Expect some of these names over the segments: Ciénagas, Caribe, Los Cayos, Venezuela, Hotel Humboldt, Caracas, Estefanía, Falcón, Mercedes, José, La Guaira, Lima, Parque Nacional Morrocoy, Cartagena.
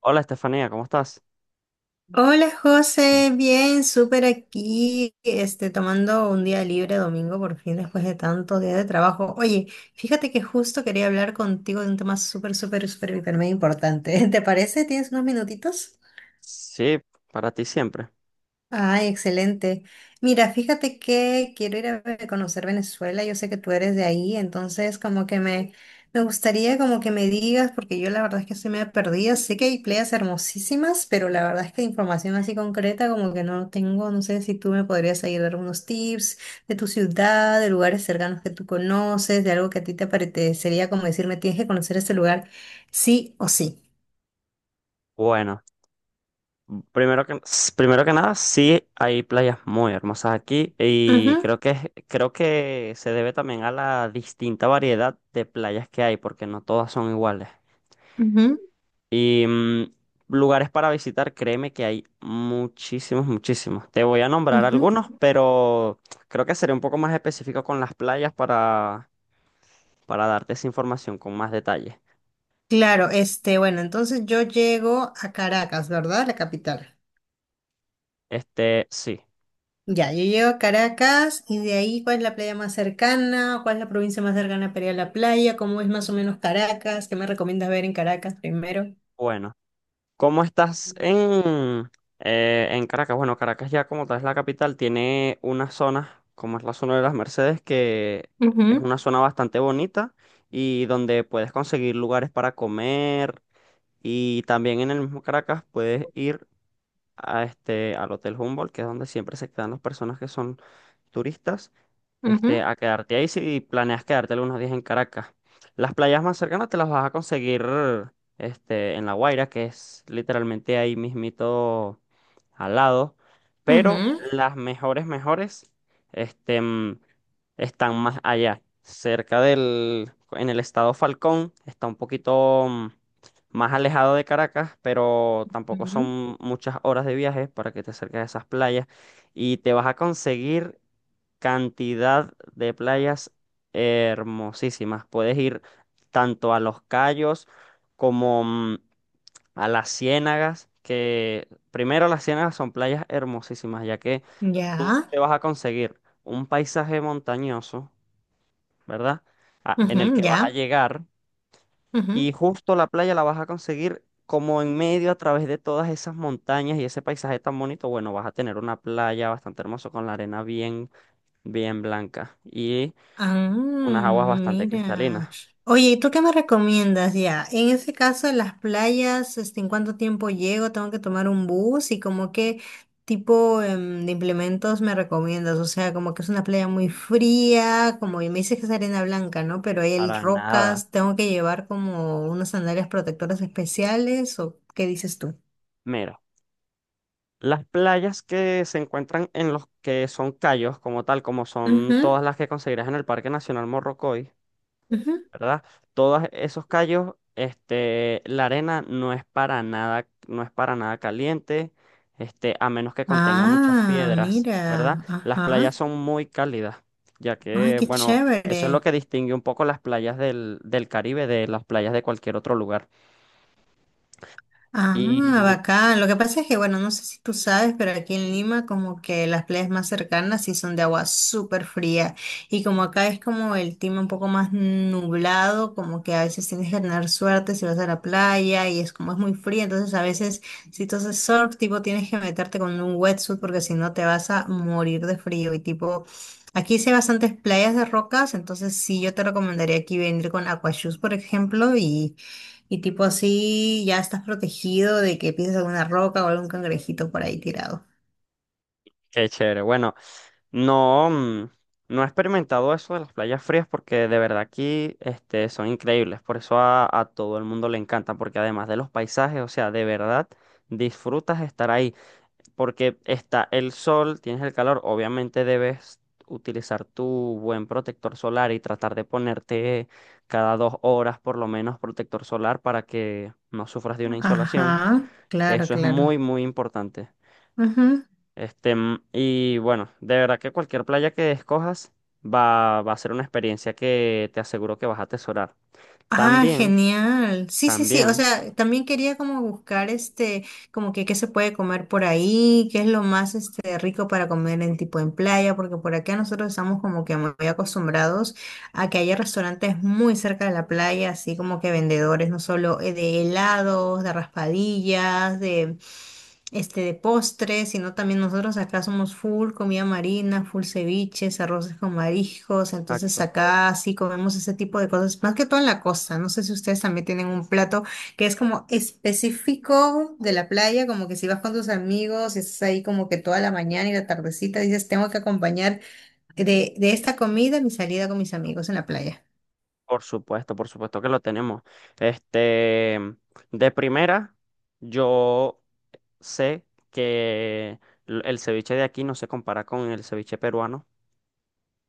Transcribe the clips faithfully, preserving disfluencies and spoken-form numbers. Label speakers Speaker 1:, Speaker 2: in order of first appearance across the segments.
Speaker 1: Hola Estefanía, ¿cómo estás?
Speaker 2: Hola José, bien, súper aquí, este, tomando un día libre domingo por fin después de tanto día de trabajo. Oye, fíjate que justo quería hablar contigo de un tema súper, súper, súper, hiper, mega importante. ¿Te parece? ¿Tienes unos minutitos?
Speaker 1: Sí, para ti siempre.
Speaker 2: Ay, excelente. Mira, fíjate que quiero ir a ve- conocer Venezuela. Yo sé que tú eres de ahí, entonces como que me, me gustaría como que me digas, porque yo la verdad es que estoy medio perdida. Sé que hay playas hermosísimas, pero la verdad es que información así concreta como que no tengo. No sé si tú me podrías ayudar algunos tips de tu ciudad, de lugares cercanos que tú conoces, de algo que a ti te parecería como decirme, tienes que conocer este lugar sí o sí.
Speaker 1: Bueno, primero que, s- primero que nada, sí hay playas muy hermosas aquí
Speaker 2: Ujú,
Speaker 1: y creo que, es- Creo que se debe también a la distinta variedad de playas que hay, porque no todas son iguales.
Speaker 2: ujú,
Speaker 1: Y mm, lugares para visitar, créeme que hay muchísimos, muchísimos. Te voy a nombrar
Speaker 2: ujú.
Speaker 1: algunos, pero creo que seré un poco más específico con las playas para, para darte esa información con más detalle.
Speaker 2: Claro, este, bueno, entonces yo llego a Caracas, ¿verdad? La capital.
Speaker 1: Este, sí.
Speaker 2: Ya, yo llego a Caracas y de ahí, ¿cuál es la playa más cercana? ¿Cuál es la provincia más cercana para ir a la playa? ¿Cómo es más o menos Caracas? ¿Qué me recomiendas ver en Caracas primero?
Speaker 1: Bueno. ¿Cómo estás
Speaker 2: Ujú,
Speaker 1: en, eh, en Caracas? Bueno, Caracas ya como tal es la capital, tiene una zona, como es la zona de Las Mercedes, que es una zona bastante bonita y donde puedes conseguir lugares para comer, y también en el mismo Caracas puedes ir a este, al Hotel Humboldt, que es donde siempre se quedan las personas que son turistas, este,
Speaker 2: ujú,
Speaker 1: a quedarte ahí si planeas quedarte algunos días en Caracas. Las playas más cercanas te las vas a conseguir este, en La Guaira, que es literalmente ahí mismito al lado, pero
Speaker 2: ujú,
Speaker 1: las mejores, mejores este, mm, están más allá, cerca del, en el estado Falcón, está un poquito mm, más alejado de Caracas, pero tampoco
Speaker 2: ujú,
Speaker 1: son muchas horas de viaje para que te acerques a esas playas, y te vas a conseguir cantidad de playas hermosísimas. Puedes ir tanto a Los Cayos como mm, a las Ciénagas, que primero las Ciénagas son playas hermosísimas, ya que
Speaker 2: ya.
Speaker 1: te vas a conseguir un paisaje montañoso, ¿verdad? A- en el
Speaker 2: Ujú,
Speaker 1: que vas a
Speaker 2: ya.
Speaker 1: llegar
Speaker 2: Ujú.
Speaker 1: y justo la playa la vas a conseguir como en medio, a través de todas esas montañas y ese paisaje tan bonito. Bueno, vas a tener una playa bastante hermosa con la arena bien bien blanca. Y
Speaker 2: Ah,
Speaker 1: unas aguas bastante cristalinas,
Speaker 2: mira. Oye, ¿y tú qué me recomiendas ya? En ese caso, en las playas, este, ¿en cuánto tiempo llego? ¿Tengo que tomar un bus? ¿Y como qué tipo em, de implementos me recomiendas? O sea, como que es una playa muy fría, como y me dices que es arena blanca, ¿no? Pero hay
Speaker 1: para nada.
Speaker 2: rocas, ¿tengo que llevar como unas sandalias protectoras especiales? ¿O qué dices tú?
Speaker 1: Mira, las playas que se encuentran en los que son cayos, como tal, como son
Speaker 2: Ujú,
Speaker 1: todas las que conseguirás en el Parque Nacional Morrocoy,
Speaker 2: ujú.
Speaker 1: ¿verdad? Todos esos cayos, este, la arena no es para nada, no es para nada caliente, este, a menos que contenga muchas
Speaker 2: Ah,
Speaker 1: piedras, ¿verdad?
Speaker 2: mira,
Speaker 1: Las playas
Speaker 2: ajá.
Speaker 1: son muy cálidas, ya
Speaker 2: Ay,
Speaker 1: que,
Speaker 2: qué
Speaker 1: bueno, eso es lo
Speaker 2: chévere.
Speaker 1: que distingue un poco las playas del, del Caribe de las playas de cualquier otro lugar.
Speaker 2: Ah,
Speaker 1: Y
Speaker 2: bacán. Lo que pasa es que, bueno, no sé si tú sabes, pero aquí en Lima como que las playas más cercanas sí son de agua súper fría. Y como acá es como el clima un poco más nublado, como que a veces tienes que tener suerte si vas a la playa y es como es muy fría, entonces a veces si tú haces surf, tipo tienes que meterte con un wetsuit porque si no te vas a morir de frío. Y tipo, aquí sí hay bastantes playas de rocas, entonces sí yo te recomendaría aquí venir con aquashoes, por ejemplo, y... Y tipo así ya estás protegido de que pises alguna roca o algún cangrejito por ahí tirado.
Speaker 1: qué chévere. Bueno, no, mm, no he experimentado eso de las playas frías, porque de verdad aquí este, son increíbles. Por eso a, a todo el mundo le encanta, porque además de los paisajes, o sea, de verdad disfrutas estar ahí, porque está el sol, tienes el calor, obviamente debes utilizar tu buen protector solar y tratar de ponerte cada dos horas por lo menos protector solar para que no sufras de una insolación.
Speaker 2: Ajá, claro,
Speaker 1: Eso es
Speaker 2: claro.
Speaker 1: muy, muy importante.
Speaker 2: Ujú.
Speaker 1: Este, mm, y bueno, de verdad que cualquier playa que escojas va, va a ser una experiencia que te aseguro que vas a atesorar.
Speaker 2: Ah,
Speaker 1: También,
Speaker 2: genial. Sí, sí, sí. O
Speaker 1: también,
Speaker 2: sea, también quería como buscar este, como que qué se puede comer por ahí, qué es lo más este rico para comer en tipo en playa, porque por acá nosotros estamos como que muy acostumbrados. Aquí hay restaurantes muy cerca de la playa, así como que vendedores, no solo eh, de helados, de raspadillas, de, este, de postres, sino también nosotros acá somos full comida marina, full ceviches, arroces con mariscos, entonces
Speaker 1: exacto,
Speaker 2: acá sí comemos ese tipo de cosas, más que todo en la costa. No sé si ustedes también tienen un plato que es como específico de la playa, como que si vas con tus amigos y estás ahí como que toda la mañana y la tardecita, dices, tengo que acompañar De, de esta comida, mi salida con mis amigos en la playa.
Speaker 1: por supuesto, por supuesto que lo tenemos. Este, mm, de primera, yo sé que l- el ceviche de aquí no se compara con el ceviche peruano,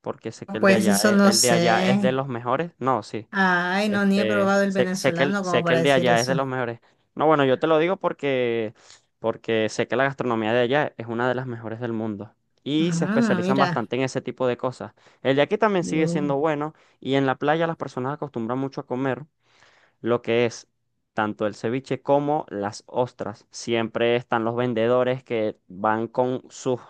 Speaker 1: porque sé que el de
Speaker 2: Pues
Speaker 1: allá
Speaker 2: eso
Speaker 1: es,
Speaker 2: no
Speaker 1: el de allá es de
Speaker 2: sé.
Speaker 1: los mejores. No, sí.
Speaker 2: Ay, no, ni he
Speaker 1: Este,
Speaker 2: probado el
Speaker 1: sé, sé que el,
Speaker 2: venezolano
Speaker 1: sé
Speaker 2: como
Speaker 1: que
Speaker 2: para
Speaker 1: el de
Speaker 2: decir
Speaker 1: allá es de los
Speaker 2: eso.
Speaker 1: mejores. No, bueno, yo te lo digo porque, porque sé que la gastronomía de allá es una de las mejores del mundo. Y se
Speaker 2: Ah,
Speaker 1: especializan
Speaker 2: mira.
Speaker 1: bastante en ese tipo de cosas. El de aquí también sigue
Speaker 2: Mm.
Speaker 1: siendo bueno. Y en la playa las personas acostumbran mucho a comer lo que es tanto el ceviche como las ostras. Siempre están los vendedores que van con sus,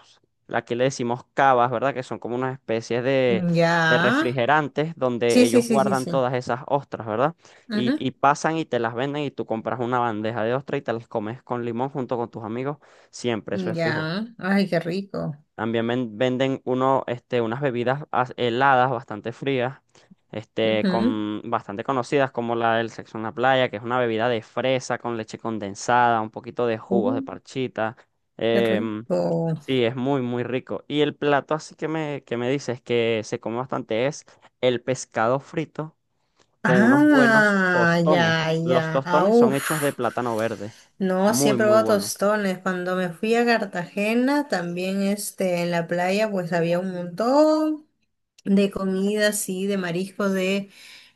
Speaker 1: aquí le decimos cavas, ¿verdad? Que son como unas especies de, de
Speaker 2: Ya.
Speaker 1: refrigerantes donde
Speaker 2: Sí, sí,
Speaker 1: ellos
Speaker 2: sí, sí,
Speaker 1: guardan
Speaker 2: sí.
Speaker 1: todas esas ostras, ¿verdad? Y,
Speaker 2: Ujú.
Speaker 1: y pasan y te las venden, y tú compras una bandeja de ostras y te las comes con limón junto con tus amigos. Siempre, eso es fijo.
Speaker 2: Ya. Ay, qué rico.
Speaker 1: También ven- venden uno, este, unas bebidas as- heladas bastante frías, este,
Speaker 2: Ujú.
Speaker 1: con, bastante conocidas como la del sexo en la playa, que es una bebida de fresa con leche condensada, un poquito de jugos de
Speaker 2: Uh,
Speaker 1: parchita.
Speaker 2: qué
Speaker 1: Em,
Speaker 2: rico.
Speaker 1: sí, es muy, muy rico. Y el plato así que me, que me dices que se come bastante es el pescado frito con unos buenos
Speaker 2: Ah,
Speaker 1: tostones.
Speaker 2: ya,
Speaker 1: Los
Speaker 2: ya. Ah,
Speaker 1: tostones son
Speaker 2: uf.
Speaker 1: hechos de plátano verde.
Speaker 2: No, sí he
Speaker 1: Muy, muy
Speaker 2: probado
Speaker 1: buenos.
Speaker 2: tostones. Cuando me fui a Cartagena, también este, en la playa, pues había un montón. De comida, sí, de mariscos, de...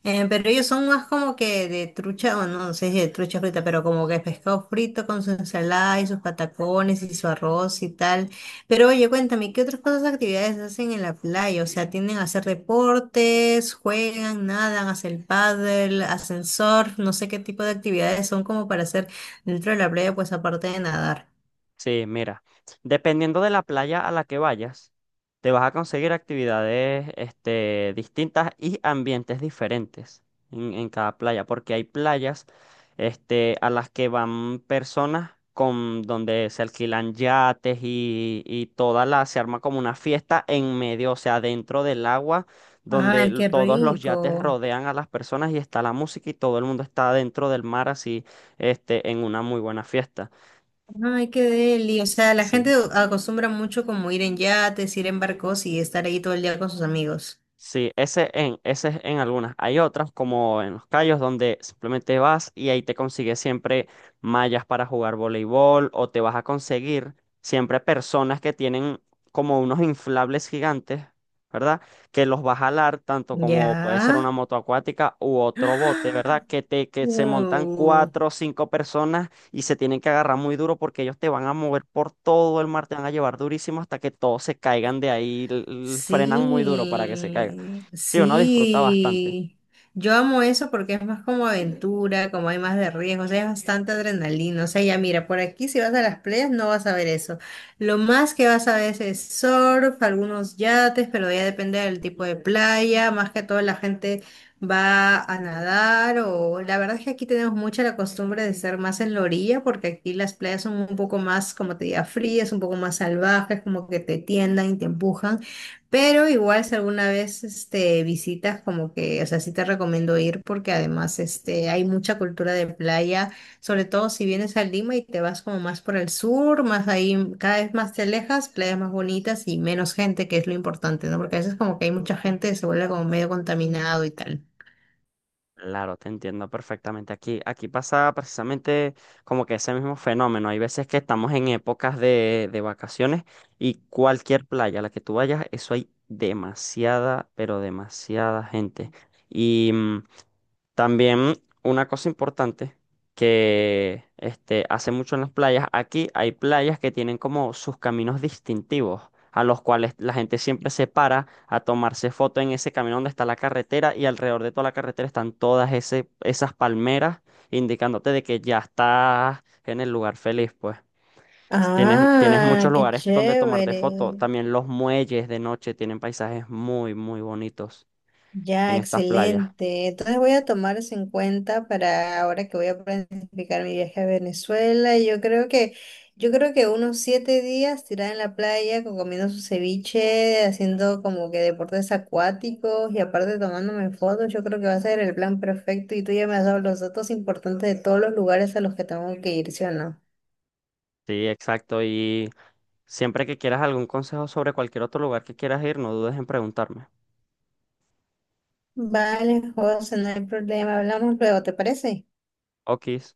Speaker 2: eh, pero ellos son más como que de trucha, o no sé si de trucha frita, pero como que pescado frito con su ensalada y sus patacones y su arroz y tal. Pero oye, cuéntame, ¿qué otras cosas, actividades hacen en la playa? O sea, ¿tienden a hacer deportes, juegan, nadan, hacen paddle, hacen surf? No sé qué tipo de actividades son como para hacer dentro de la playa, pues aparte de nadar.
Speaker 1: Sí, mira, dependiendo de la playa a la que vayas, te vas a conseguir actividades este, distintas y ambientes diferentes en, en cada playa, porque hay playas este, a las que van personas con donde se alquilan yates y, y toda la, se arma como una fiesta en medio, o sea, dentro del agua, donde
Speaker 2: Ay,
Speaker 1: l-
Speaker 2: qué
Speaker 1: todos los yates
Speaker 2: rico.
Speaker 1: rodean a las personas y está la música y todo el mundo está dentro del mar así, este, en una muy buena fiesta.
Speaker 2: Ay, qué deli. O sea, la
Speaker 1: Sí.
Speaker 2: gente acostumbra mucho como ir en yates, ir en barcos y estar ahí todo el día con sus amigos.
Speaker 1: Sí, ese en, ese es en algunas. Hay otras, como en los callos, donde simplemente vas y ahí te consigues siempre mallas para jugar voleibol, o te vas a conseguir siempre personas que tienen como unos inflables gigantes, ¿verdad? Que los vas a jalar, tanto como
Speaker 2: Ya.
Speaker 1: puede ser una moto acuática u otro bote,
Speaker 2: ¡Ah!
Speaker 1: ¿verdad? Que te, que se montan
Speaker 2: Uh,
Speaker 1: cuatro o cinco personas y se tienen que agarrar muy duro porque ellos te van a mover por todo el mar, te van a llevar durísimo hasta que todos se caigan de ahí, l- l- frenan muy duro para que se caigan.
Speaker 2: Sí,
Speaker 1: Sí, uno disfruta bastante.
Speaker 2: sí. Yo amo eso porque es más como aventura, como hay más de riesgo, o sea, es bastante adrenalina. O sea, ya mira, por aquí si vas a las playas no vas a ver eso. Lo más que vas a ver es surf, algunos yates, pero ya depende del tipo de playa. Más que todo la gente va a nadar o la verdad es que aquí tenemos mucha la costumbre de ser más en la orilla porque aquí las playas son un poco más, como te diga, frías, un poco más salvajes, como que te tiendan y te empujan. Pero igual si alguna vez este, visitas, como que, o sea, sí te recomiendo ir porque además este, hay mucha cultura de playa, sobre todo si vienes a Lima y te vas como más por el sur, más ahí, cada vez más te alejas, playas más bonitas y menos gente, que es lo importante, ¿no? Porque a veces como que hay mucha gente se vuelve como medio contaminado y tal.
Speaker 1: Claro, te entiendo perfectamente. Aquí, aquí pasa precisamente como que ese mismo fenómeno. Hay veces que estamos en épocas de, de vacaciones y cualquier playa a la que tú vayas, eso hay demasiada, pero demasiada gente. y mm, También una cosa importante que este, hace mucho en las playas, aquí hay playas que tienen como sus caminos distintivos, a los cuales la gente siempre se para a tomarse foto en ese camino donde está la carretera, y alrededor de toda la carretera están todas ese- esas palmeras indicándote de que ya estás en el lugar feliz, pues. Tienes, tienes muchos
Speaker 2: Ah, qué
Speaker 1: lugares donde tomarte foto.
Speaker 2: chévere.
Speaker 1: También los muelles de noche tienen paisajes muy, muy bonitos
Speaker 2: Ya,
Speaker 1: en estas playas.
Speaker 2: excelente. Entonces voy a tomar eso en cuenta para ahora que voy a planificar mi viaje a Venezuela. y Yo creo que, yo creo que unos siete días tirada en la playa, co- comiendo su ceviche, haciendo como que deportes acuáticos y aparte tomándome fotos, yo creo que va a ser el plan perfecto. Y tú ya me has dado los datos importantes de todos los lugares a los que tengo que ir, ¿sí o no?
Speaker 1: Sí, exacto. Y siempre que quieras algún consejo sobre cualquier otro lugar que quieras ir, no dudes en preguntarme.
Speaker 2: Vale, José, no hay problema. Hablamos luego, ¿te parece?
Speaker 1: Okis.